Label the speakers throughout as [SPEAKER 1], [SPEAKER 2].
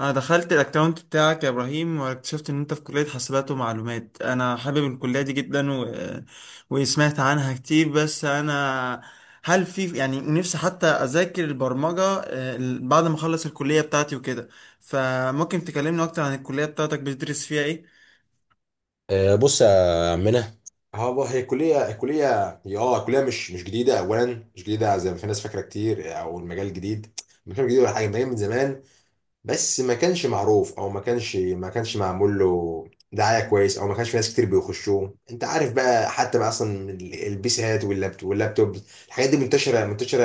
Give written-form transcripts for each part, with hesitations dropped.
[SPEAKER 1] انا دخلت الاكونت بتاعك يا ابراهيم، واكتشفت ان انت في كلية حاسبات ومعلومات. انا حابب الكلية دي جدا، وسمعت عنها كتير. بس انا هل في يعني نفسي حتى اذاكر البرمجة بعد ما اخلص الكلية بتاعتي وكده؟ فممكن تكلمني اكتر عن الكلية بتاعتك، بتدرس فيها ايه؟
[SPEAKER 2] آه، بص يا عمنا. هو هي كلية هي كلية مش جديدة أولا. مش جديدة زي ما في ناس فاكرة كتير، أو المجال جديد، مكان جديد ولا حاجة. مجال من زمان بس ما كانش معروف، أو ما كانش ما كانش معمول له دعاية كويس، أو ما كانش في ناس كتير بيخشوه. أنت عارف بقى، حتى بقى أصلا البيسات واللابتوب الحاجات دي منتشرة.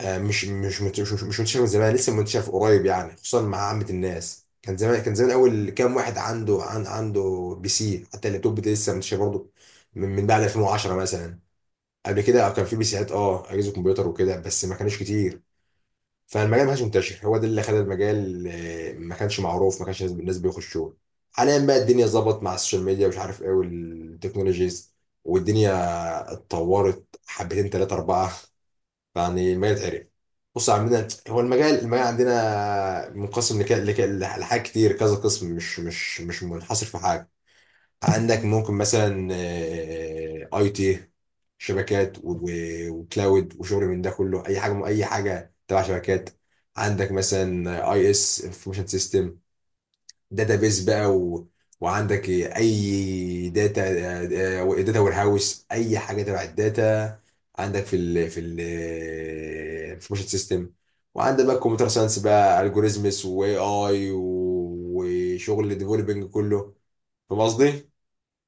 [SPEAKER 2] آه، مش مش مت- مش مش منتشر من زمان، لسه منتشر في قريب يعني، خصوصا مع عامة الناس. كان زمان اول كام واحد عنده بي سي، حتى اللابتوب ده لسه منتشر برضه من بعد 2010 مثلا. قبل كده كان في بي سيات، اجهزه كمبيوتر وكده، بس ما كانش كتير. فالمجال ما كانش منتشر، هو ده اللي خلى المجال آه، ما كانش معروف، ما كانش الناس بيخشوه. حاليا بقى الدنيا ظبط مع السوشيال ميديا ومش عارف ايه والتكنولوجيز والدنيا اتطورت حبتين تلاتة أربعة، يعني المجال اتقرب. بص، عندنا هو المجال عندنا منقسم لحاجات كتير، كذا قسم، مش منحصر في حاجه. عندك ممكن مثلا آه، اي تي، شبكات وكلاود وشغل من ده كله، اي حاجه، اي حاجه تبع شبكات. عندك مثلا اي اس، انفورميشن سيستم، داتابيز بقى و... وعندك اي داتا، آه، داتا وير هاوس، اي حاجه تبع الداتا. عندك في ال انفورميشن سيستم. وعندك بقى كمبيوتر ساينس بقى، الجوريزمس واي اي وشغل الديفلوبينج كله. فاهم قصدي؟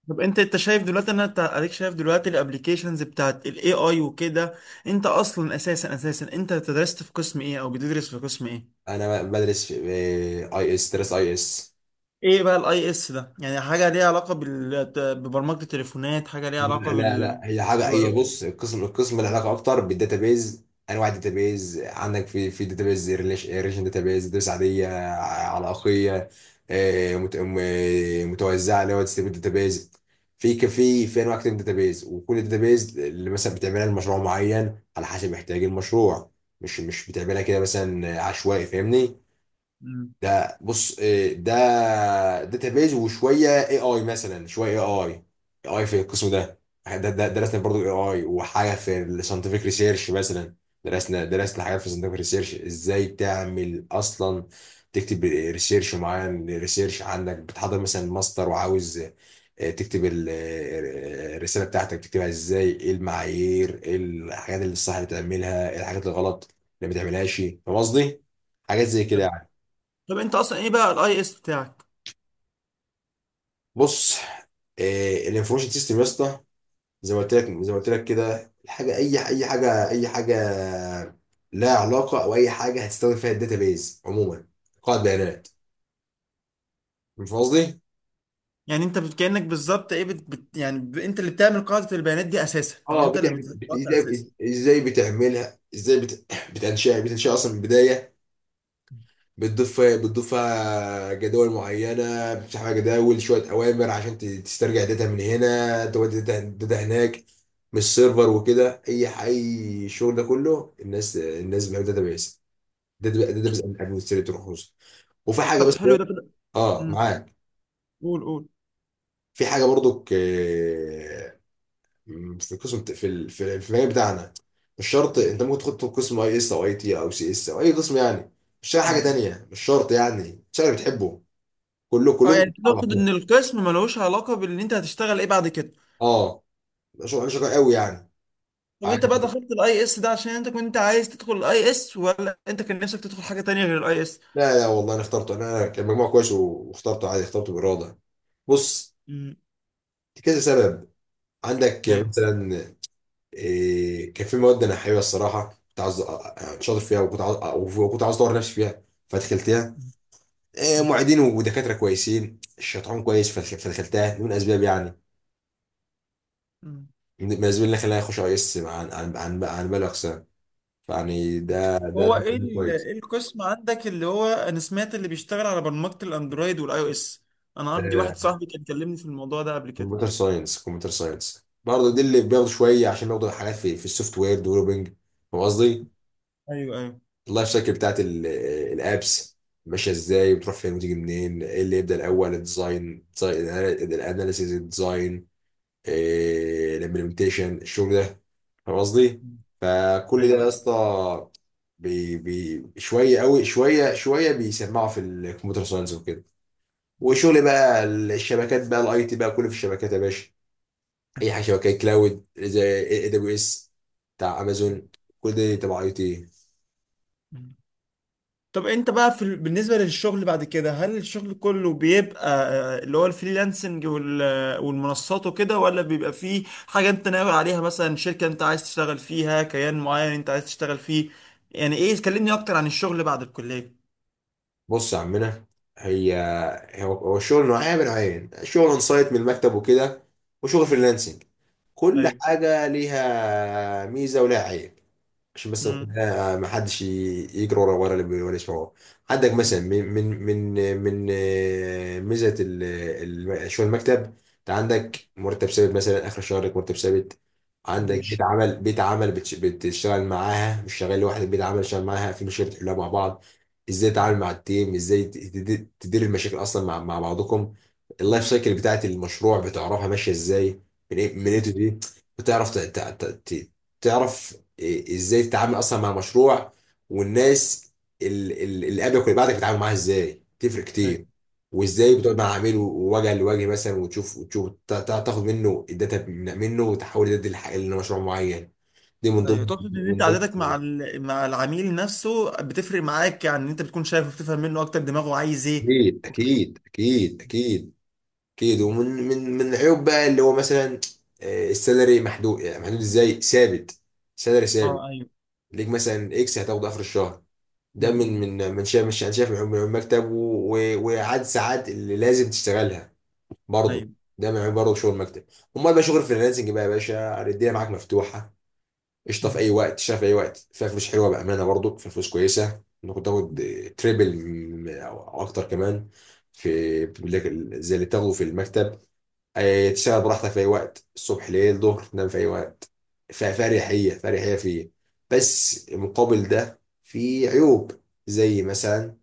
[SPEAKER 1] طب انت شايف دلوقتي ان انت اديك شايف دلوقتي الابليكيشنز بتاعت الاي اي وكده؟ انت اصلا اساسا انت درست في قسم ايه او بتدرس في قسم ايه؟
[SPEAKER 2] انا بدرس في اي اس، درس اي اس.
[SPEAKER 1] ايه بقى الاي اس ده؟ يعني حاجه ليها علاقه ببرمجه التليفونات؟ حاجه ليها علاقه
[SPEAKER 2] لا لا لا،
[SPEAKER 1] بال
[SPEAKER 2] هي حاجه، هي
[SPEAKER 1] بر-
[SPEAKER 2] بص، القسم له علاقه اكتر بالداتابيز. انواع الداتابيز، عندك في داتابيز ريليشن، داتابيز داتابيز عاديه علاقيه، آه، متوزعه اللي هو ديستريبيوت داتابيز. في ك- في في انواع كتير من الداتابيز، وكل داتابيز اللي مثلا بتعملها لمشروع معين على حسب احتياج المشروع. مش بتعملها كده مثلا عشوائي، فاهمني؟
[SPEAKER 1] مم.
[SPEAKER 2] ده بص إيه، ده داتابيز وشويه اي اي، مثلا شويه اي اي، اي في القسم ده، ده درسنا برضو اي اي، وحاجه في الساينتفك ريسيرش مثلا. درسنا حاجات في الساينتفك ريسيرش، ازاي تعمل اصلا، تكتب ريسيرش معين. ريسيرش عندك بتحضر مثلا ماستر، وعاوز آه، تكتب الرساله بتاعتك، تكتبها ازاي، ايه المعايير، ايه الحاجات اللي الصح بتعملها، ايه الحاجات الغلط اللي ما تعملهاش. فاهم قصدي؟ حاجات زي كده يعني.
[SPEAKER 1] طب انت اصلا ايه بقى الاي اس بتاعك؟
[SPEAKER 2] بص إيه، الانفورميشن سيستم يا اسطى، زي ما قلت لك، زي ما قلت لك كده الحاجه، اي اي حاجه اي حاجه لها علاقه، او اي حاجه هتستخدم فيها الداتابيز عموما، قاعده بيانات. فاهم قصدي؟
[SPEAKER 1] يعني انت كانك بالظبط ايه يعني انت اللي بتعمل قاعده البيانات دي اساسا، او
[SPEAKER 2] اه،
[SPEAKER 1] انت اللي بتظبطها
[SPEAKER 2] ازاي،
[SPEAKER 1] اساسا؟
[SPEAKER 2] بتعملها ازاي، بتنشأ، بتنشأ اصلا من البدايه. بتضيف، فيها جداول معينه، بتفتح فيها جداول، شويه اوامر عشان تسترجع داتا من هنا، تودي داتا هناك. مش سيرفر وكده، اي اي الشغل ده كله، الناس بتعمل داتا بيس. ده بس اهم حاجه بتشتري تروح روسيا، وفي حاجه
[SPEAKER 1] طب
[SPEAKER 2] بس.
[SPEAKER 1] حلو ده كده.
[SPEAKER 2] اه،
[SPEAKER 1] مم.
[SPEAKER 2] معاك.
[SPEAKER 1] قول قول.
[SPEAKER 2] في حاجه برضو في القسم، في المجال بتاعنا، مش شرط.
[SPEAKER 1] مم.
[SPEAKER 2] انت ممكن تدخل قسم اي اس او اي تي او سي اس او اي قسم يعني، تشتغل حاجه
[SPEAKER 1] مم.
[SPEAKER 2] تانية، مش شرط يعني. تشتغل اللي بتحبه، كله
[SPEAKER 1] اه،
[SPEAKER 2] كلهم
[SPEAKER 1] يعني
[SPEAKER 2] يتفقوا على
[SPEAKER 1] تقصد
[SPEAKER 2] بعضهم.
[SPEAKER 1] ان القسم ملوش علاقه بان انت هتشتغل ايه بعد كده؟
[SPEAKER 2] اه، شغل انا شغال قوي يعني.
[SPEAKER 1] طب انت
[SPEAKER 2] عارف.
[SPEAKER 1] بقى دخلت الاي اس ده عشان انت كنت عايز تدخل الاي اس، ولا انت كان نفسك تدخل حاجه تانية غير الاي اس؟
[SPEAKER 2] لا لا والله، انا اخترته. انا كان مجموع كويس واخترته عادي، اخترته باراده. بص،
[SPEAKER 1] امم
[SPEAKER 2] كذا سبب. عندك
[SPEAKER 1] ايوه.
[SPEAKER 2] مثلا إيه، كان في مواد انا حاببها الصراحه، كنت عاوز شاطر فيها، وكنت عاوز اطور نفسي فيها، فدخلتها. إيه، معيدين ودكاتره كويسين، الشيطان كويس، فدخلتها. دي من اسباب يعني،
[SPEAKER 1] مم.
[SPEAKER 2] من الاسباب اللي خلاني اخش اي اس عن باقي الاقسام. فيعني ده ده
[SPEAKER 1] هو
[SPEAKER 2] ده كويس.
[SPEAKER 1] إيه القسم عندك اللي هو انا سمعت اللي بيشتغل على برمجة الاندرويد والاي او اس؟ انا عندي واحد صاحبي كان كلمني في الموضوع ده قبل كده.
[SPEAKER 2] كمبيوتر ساينس، كمبيوتر ساينس برضه دي
[SPEAKER 1] مم.
[SPEAKER 2] اللي بياخدوا شويه، عشان بياخدوا حاجات في السوفت وير ديفلوبينج. فاهم قصدي؟
[SPEAKER 1] ايوه ايوه.
[SPEAKER 2] اللايف سايكل بتاعت الابس، ماشيه ازاي، بتروح فين وتيجي منين، ايه اللي يبدا الاول، الديزاين، الاناليسيز، الامبلمنتيشن، الشغل ده. فاهم قصدي؟
[SPEAKER 1] مم.
[SPEAKER 2] فكل ده
[SPEAKER 1] ايوه،
[SPEAKER 2] يا
[SPEAKER 1] أيوة.
[SPEAKER 2] اسطى. بي شويه قوي، شويه بيسمعوا في الكمبيوتر ساينس وكده.
[SPEAKER 1] مم.
[SPEAKER 2] وشغل بقى الشبكات بقى، الاي تي بقى كله في الشبكات يا باشا. اي
[SPEAKER 1] مم.
[SPEAKER 2] حاجه شبكات، كلاود زي اي دبليو اس بتاع امازون، كل ده تبع اي تي.
[SPEAKER 1] مم. طب انت بقى بالنسبة للشغل بعد كده، هل الشغل كله بيبقى اللي هو الفريلانسنج والمنصات وكده، ولا بيبقى فيه حاجة انت ناوي عليها، مثلا شركة انت عايز تشتغل فيها، كيان معين انت عايز تشتغل فيه؟ يعني ايه؟ كلمني اكتر عن الشغل بعد الكلية.
[SPEAKER 2] بص يا عمنا، هي هو الشغل نوعين. من نوعين، شغل اون سايت من المكتب وكده، وشغل
[SPEAKER 1] مم.
[SPEAKER 2] فريلانسنج. كل حاجه ليها ميزه ولها عيب. عشان بس
[SPEAKER 1] ايوه.
[SPEAKER 2] ما حدش يجري ورا اللي ولا يسمعه. عندك مثلا
[SPEAKER 1] مم.
[SPEAKER 2] من ميزه شغل المكتب، انت عندك مرتب ثابت، مثلا اخر الشهر لك مرتب ثابت. عندك بيت
[SPEAKER 1] ماشي.
[SPEAKER 2] عمل، بتشتغل معاها، مش شغال لوحدك، بيت عمل شغال معاها، في مشاكل تحلها مع بعض. ازاي
[SPEAKER 1] مم.
[SPEAKER 2] تتعامل مع التيم، ازاي تدير المشاكل اصلا مع بعضكم. اللايف
[SPEAKER 1] مم.
[SPEAKER 2] سايكل بتاعت المشروع بتعرفها ماشيه ازاي، من ايه من ايه تو
[SPEAKER 1] مم.
[SPEAKER 2] دي، بتعرف ت- تعرف إيه ازاي تتعامل اصلا مع مشروع. والناس اللي قبلك واللي بعدك، بتتعامل معاها ازاي، تفرق
[SPEAKER 1] ايوه.
[SPEAKER 2] كتير. وازاي
[SPEAKER 1] مم.
[SPEAKER 2] بتقعد مع عميل وجه لوجه مثلا، وتشوف تاخد منه الداتا منه، وتحول الداتا دي لمشروع معين. دي من
[SPEAKER 1] ايوه،
[SPEAKER 2] ضمن،
[SPEAKER 1] تقصد ان
[SPEAKER 2] من
[SPEAKER 1] انت
[SPEAKER 2] ضمن
[SPEAKER 1] عادتك مع العميل نفسه بتفرق معاك؟ يعني ان انت بتكون شايفه، بتفهم منه اكتر دماغه عايز ايه
[SPEAKER 2] اكيد
[SPEAKER 1] وكده.
[SPEAKER 2] اكيد اكيد اكيد اكيد. ومن من من العيوب بقى اللي هو مثلا آه، السالري محدود، يعني محدود ازاي، ثابت، سالري ثابت.
[SPEAKER 1] اه، ايوه.
[SPEAKER 2] ليك مثلا اكس هتاخده اخر الشهر. ده من
[SPEAKER 1] مم.
[SPEAKER 2] من شايف، مش انا شايف من عيوب، من عيوب المكتب، وعاد ساعات اللي لازم تشتغلها
[SPEAKER 1] مم.
[SPEAKER 2] برضه.
[SPEAKER 1] ايوه.
[SPEAKER 2] ده من عيوب برضه شغل المكتب. امال بقى شغل الفريلانسنج بقى يا باشا، الدنيا معاك مفتوحه، قشطه، في
[SPEAKER 1] مم.
[SPEAKER 2] اي وقت تشتغل، في اي وقت فيها فلوس حلوه، بامانه برضه فيها فلوس كويسه. ممكن تاخد تريبل او أو اكتر كمان في، زي اللي بتاخده في المكتب. آه، تشتغل براحتك في اي وقت، الصبح ليل ظهر، تنام في اي وقت. فاريحيه فيه. بس مقابل ده في عيوب. زي مثلا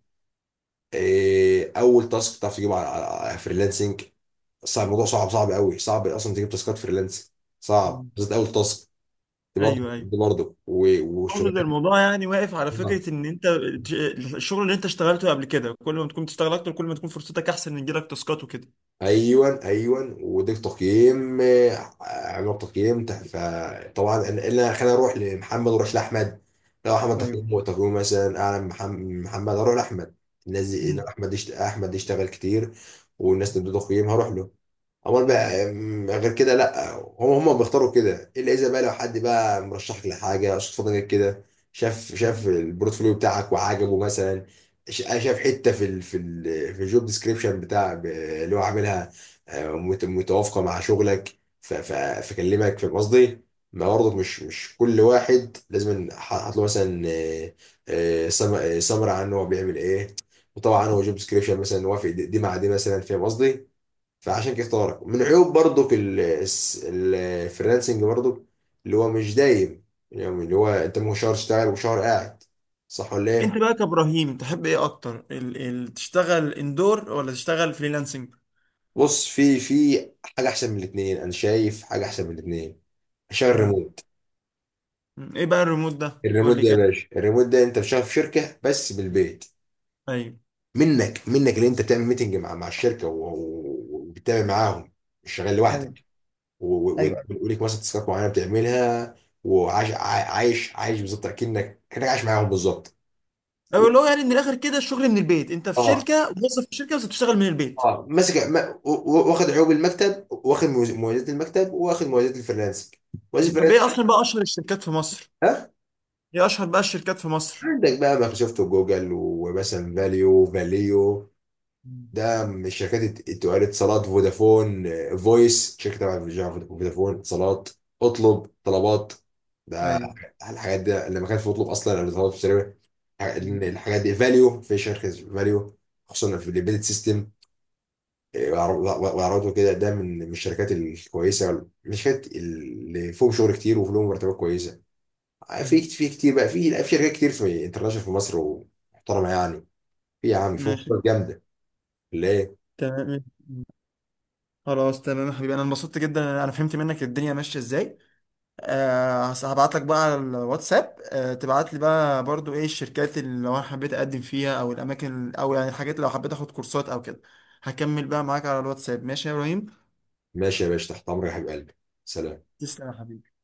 [SPEAKER 2] آه، اول تاسك تعرف تجيبه على على فريلانسنج، صعب. الموضوع صعب، صعب قوي، صعب اصلا تجيب تاسكات فريلانسنج، صعب
[SPEAKER 1] مم.
[SPEAKER 2] بالذات اول تاسك. دي برضه،
[SPEAKER 1] ايوه ايوه.
[SPEAKER 2] دي برضه
[SPEAKER 1] اقصد إن
[SPEAKER 2] وشغلانه.
[SPEAKER 1] الموضوع يعني واقف على فكره ان انت ت- الشغل اللي انت اشتغلته قبل كده، كل ما تكون تشتغل اكتر كل ما تكون فرصتك احسن ان يجيلك تاسكات وكده.
[SPEAKER 2] ايوان وديك تقييم، آه، عملوا تقييم فطبعا انا، خلينا اروح لمحمد واروح لاحمد. لو احمد
[SPEAKER 1] ايوه.
[SPEAKER 2] تقييمه مثلا اعلى من محمد، اروح لاحمد. الناس دي إن
[SPEAKER 1] مم.
[SPEAKER 2] احمد احمد يشتغل كتير، والناس تدي تقييم، هروح له. امال
[SPEAKER 1] مم.
[SPEAKER 2] بقى أم، غير كده لا، هم بيختاروا كده، الا اذا بقى لو حد بقى مرشحك لحاجه صدفه جت كده، شاف البورتفوليو بتاعك وعجبه مثلا. شاف حته في الجوب ديسكريبشن بتاع اللي هو عاملها آه، متوافقه مع شغلك، فكلمك. في قصدي، ما برضه مش كل واحد لازم حاطط له مثلا سمر عن هو بيعمل ايه. وطبعا هو جوب ديسكريبشن مثلا، وافق دي مع دي مثلا، فاهم قصدي. فعشان كده اختارك. من عيوب برضه الفريلانسنج برضه اللي هو مش دايم، يعني اللي هو انت ممكن شهر تشتغل وشهر قاعد، صح ولا
[SPEAKER 1] انت
[SPEAKER 2] ايه؟
[SPEAKER 1] بقى كابراهيم تحب ايه اكتر، ال تشتغل اندور ولا تشتغل فريلانسنج؟
[SPEAKER 2] بص، في حاجه احسن من الاثنين، انا شايف حاجه احسن من الاثنين، عشان
[SPEAKER 1] مم.
[SPEAKER 2] الريموت.
[SPEAKER 1] مم. ايه بقى الريموت ده؟
[SPEAKER 2] الريموت
[SPEAKER 1] قول لي
[SPEAKER 2] ده يا
[SPEAKER 1] كده.
[SPEAKER 2] باشا، الريموت ده انت شغال في شركه بس بالبيت،
[SPEAKER 1] ايوه.
[SPEAKER 2] منك اللي انت بتعمل ميتنج مع الشركه وبتتابع معاهم، مش شغال
[SPEAKER 1] ايوه.
[SPEAKER 2] لوحدك،
[SPEAKER 1] ايوه.
[SPEAKER 2] وليك مثلا تاسكات معينه بتعملها. وعايش عايش بالظبط، كانك عايش معاهم بالظبط.
[SPEAKER 1] ايوه، اللي هو يعني من الاخر كده الشغل من البيت، انت في
[SPEAKER 2] اه،
[SPEAKER 1] شركه، موظف في شركه بس بتشتغل من البيت.
[SPEAKER 2] اه ماسك واخد عيوب المكتب، واخد مميزات المكتب، واخد مميزات الفريلانسنج، مميزات
[SPEAKER 1] مم. طب ايه
[SPEAKER 2] الفريلانسنج
[SPEAKER 1] اصلا بقى اشهر الشركات في مصر؟ ايه اشهر بقى الشركات في مصر؟
[SPEAKER 2] عندك بقى مايكروسوفت وجوجل ومثلا فاليو،
[SPEAKER 1] مم.
[SPEAKER 2] ده من الشركات التقال، اتصالات، فودافون، آه، فويس شركة تبع فودافون، فودافون، اتصالات، اطلب، طلبات، ده
[SPEAKER 1] ايوه.
[SPEAKER 2] الحاجات ده. لما كانت في اطلب اصلا قبل طلبات بتشتري
[SPEAKER 1] مم.
[SPEAKER 2] الحاجات دي. فاليو في شركة فاليو، خصوصا في الامبيدد سيستم وعربته كده. ده من الشركات الكويسة، من الشركات اللي فيهم شغل كتير وفيهم مرتبات كويسة. آه، في
[SPEAKER 1] مم.
[SPEAKER 2] في كتير بقى، في شركات كتير في انترناشونال في مصر، ومحترمه يعني، في يا عم فوق،
[SPEAKER 1] ماشي.
[SPEAKER 2] جامده، ليه.
[SPEAKER 1] تمام. خلاص، تمام يا حبيبي. انا انبسطت جدا، انا فهمت منك الدنيا ماشيه ازاي. هبعت لك بقى على الواتساب. تبعت لي بقى برضو ايه الشركات اللي لو انا حبيت اقدم فيها، او الاماكن، او يعني الحاجات اللي لو حبيت اخد كورسات او كده. هكمل بقى معاك على الواتساب. ماشي يا ابراهيم.
[SPEAKER 2] ماشي يا باشا، تحت امرك يا حبيب قلبي، سلام.
[SPEAKER 1] تسلم يا حبيبي.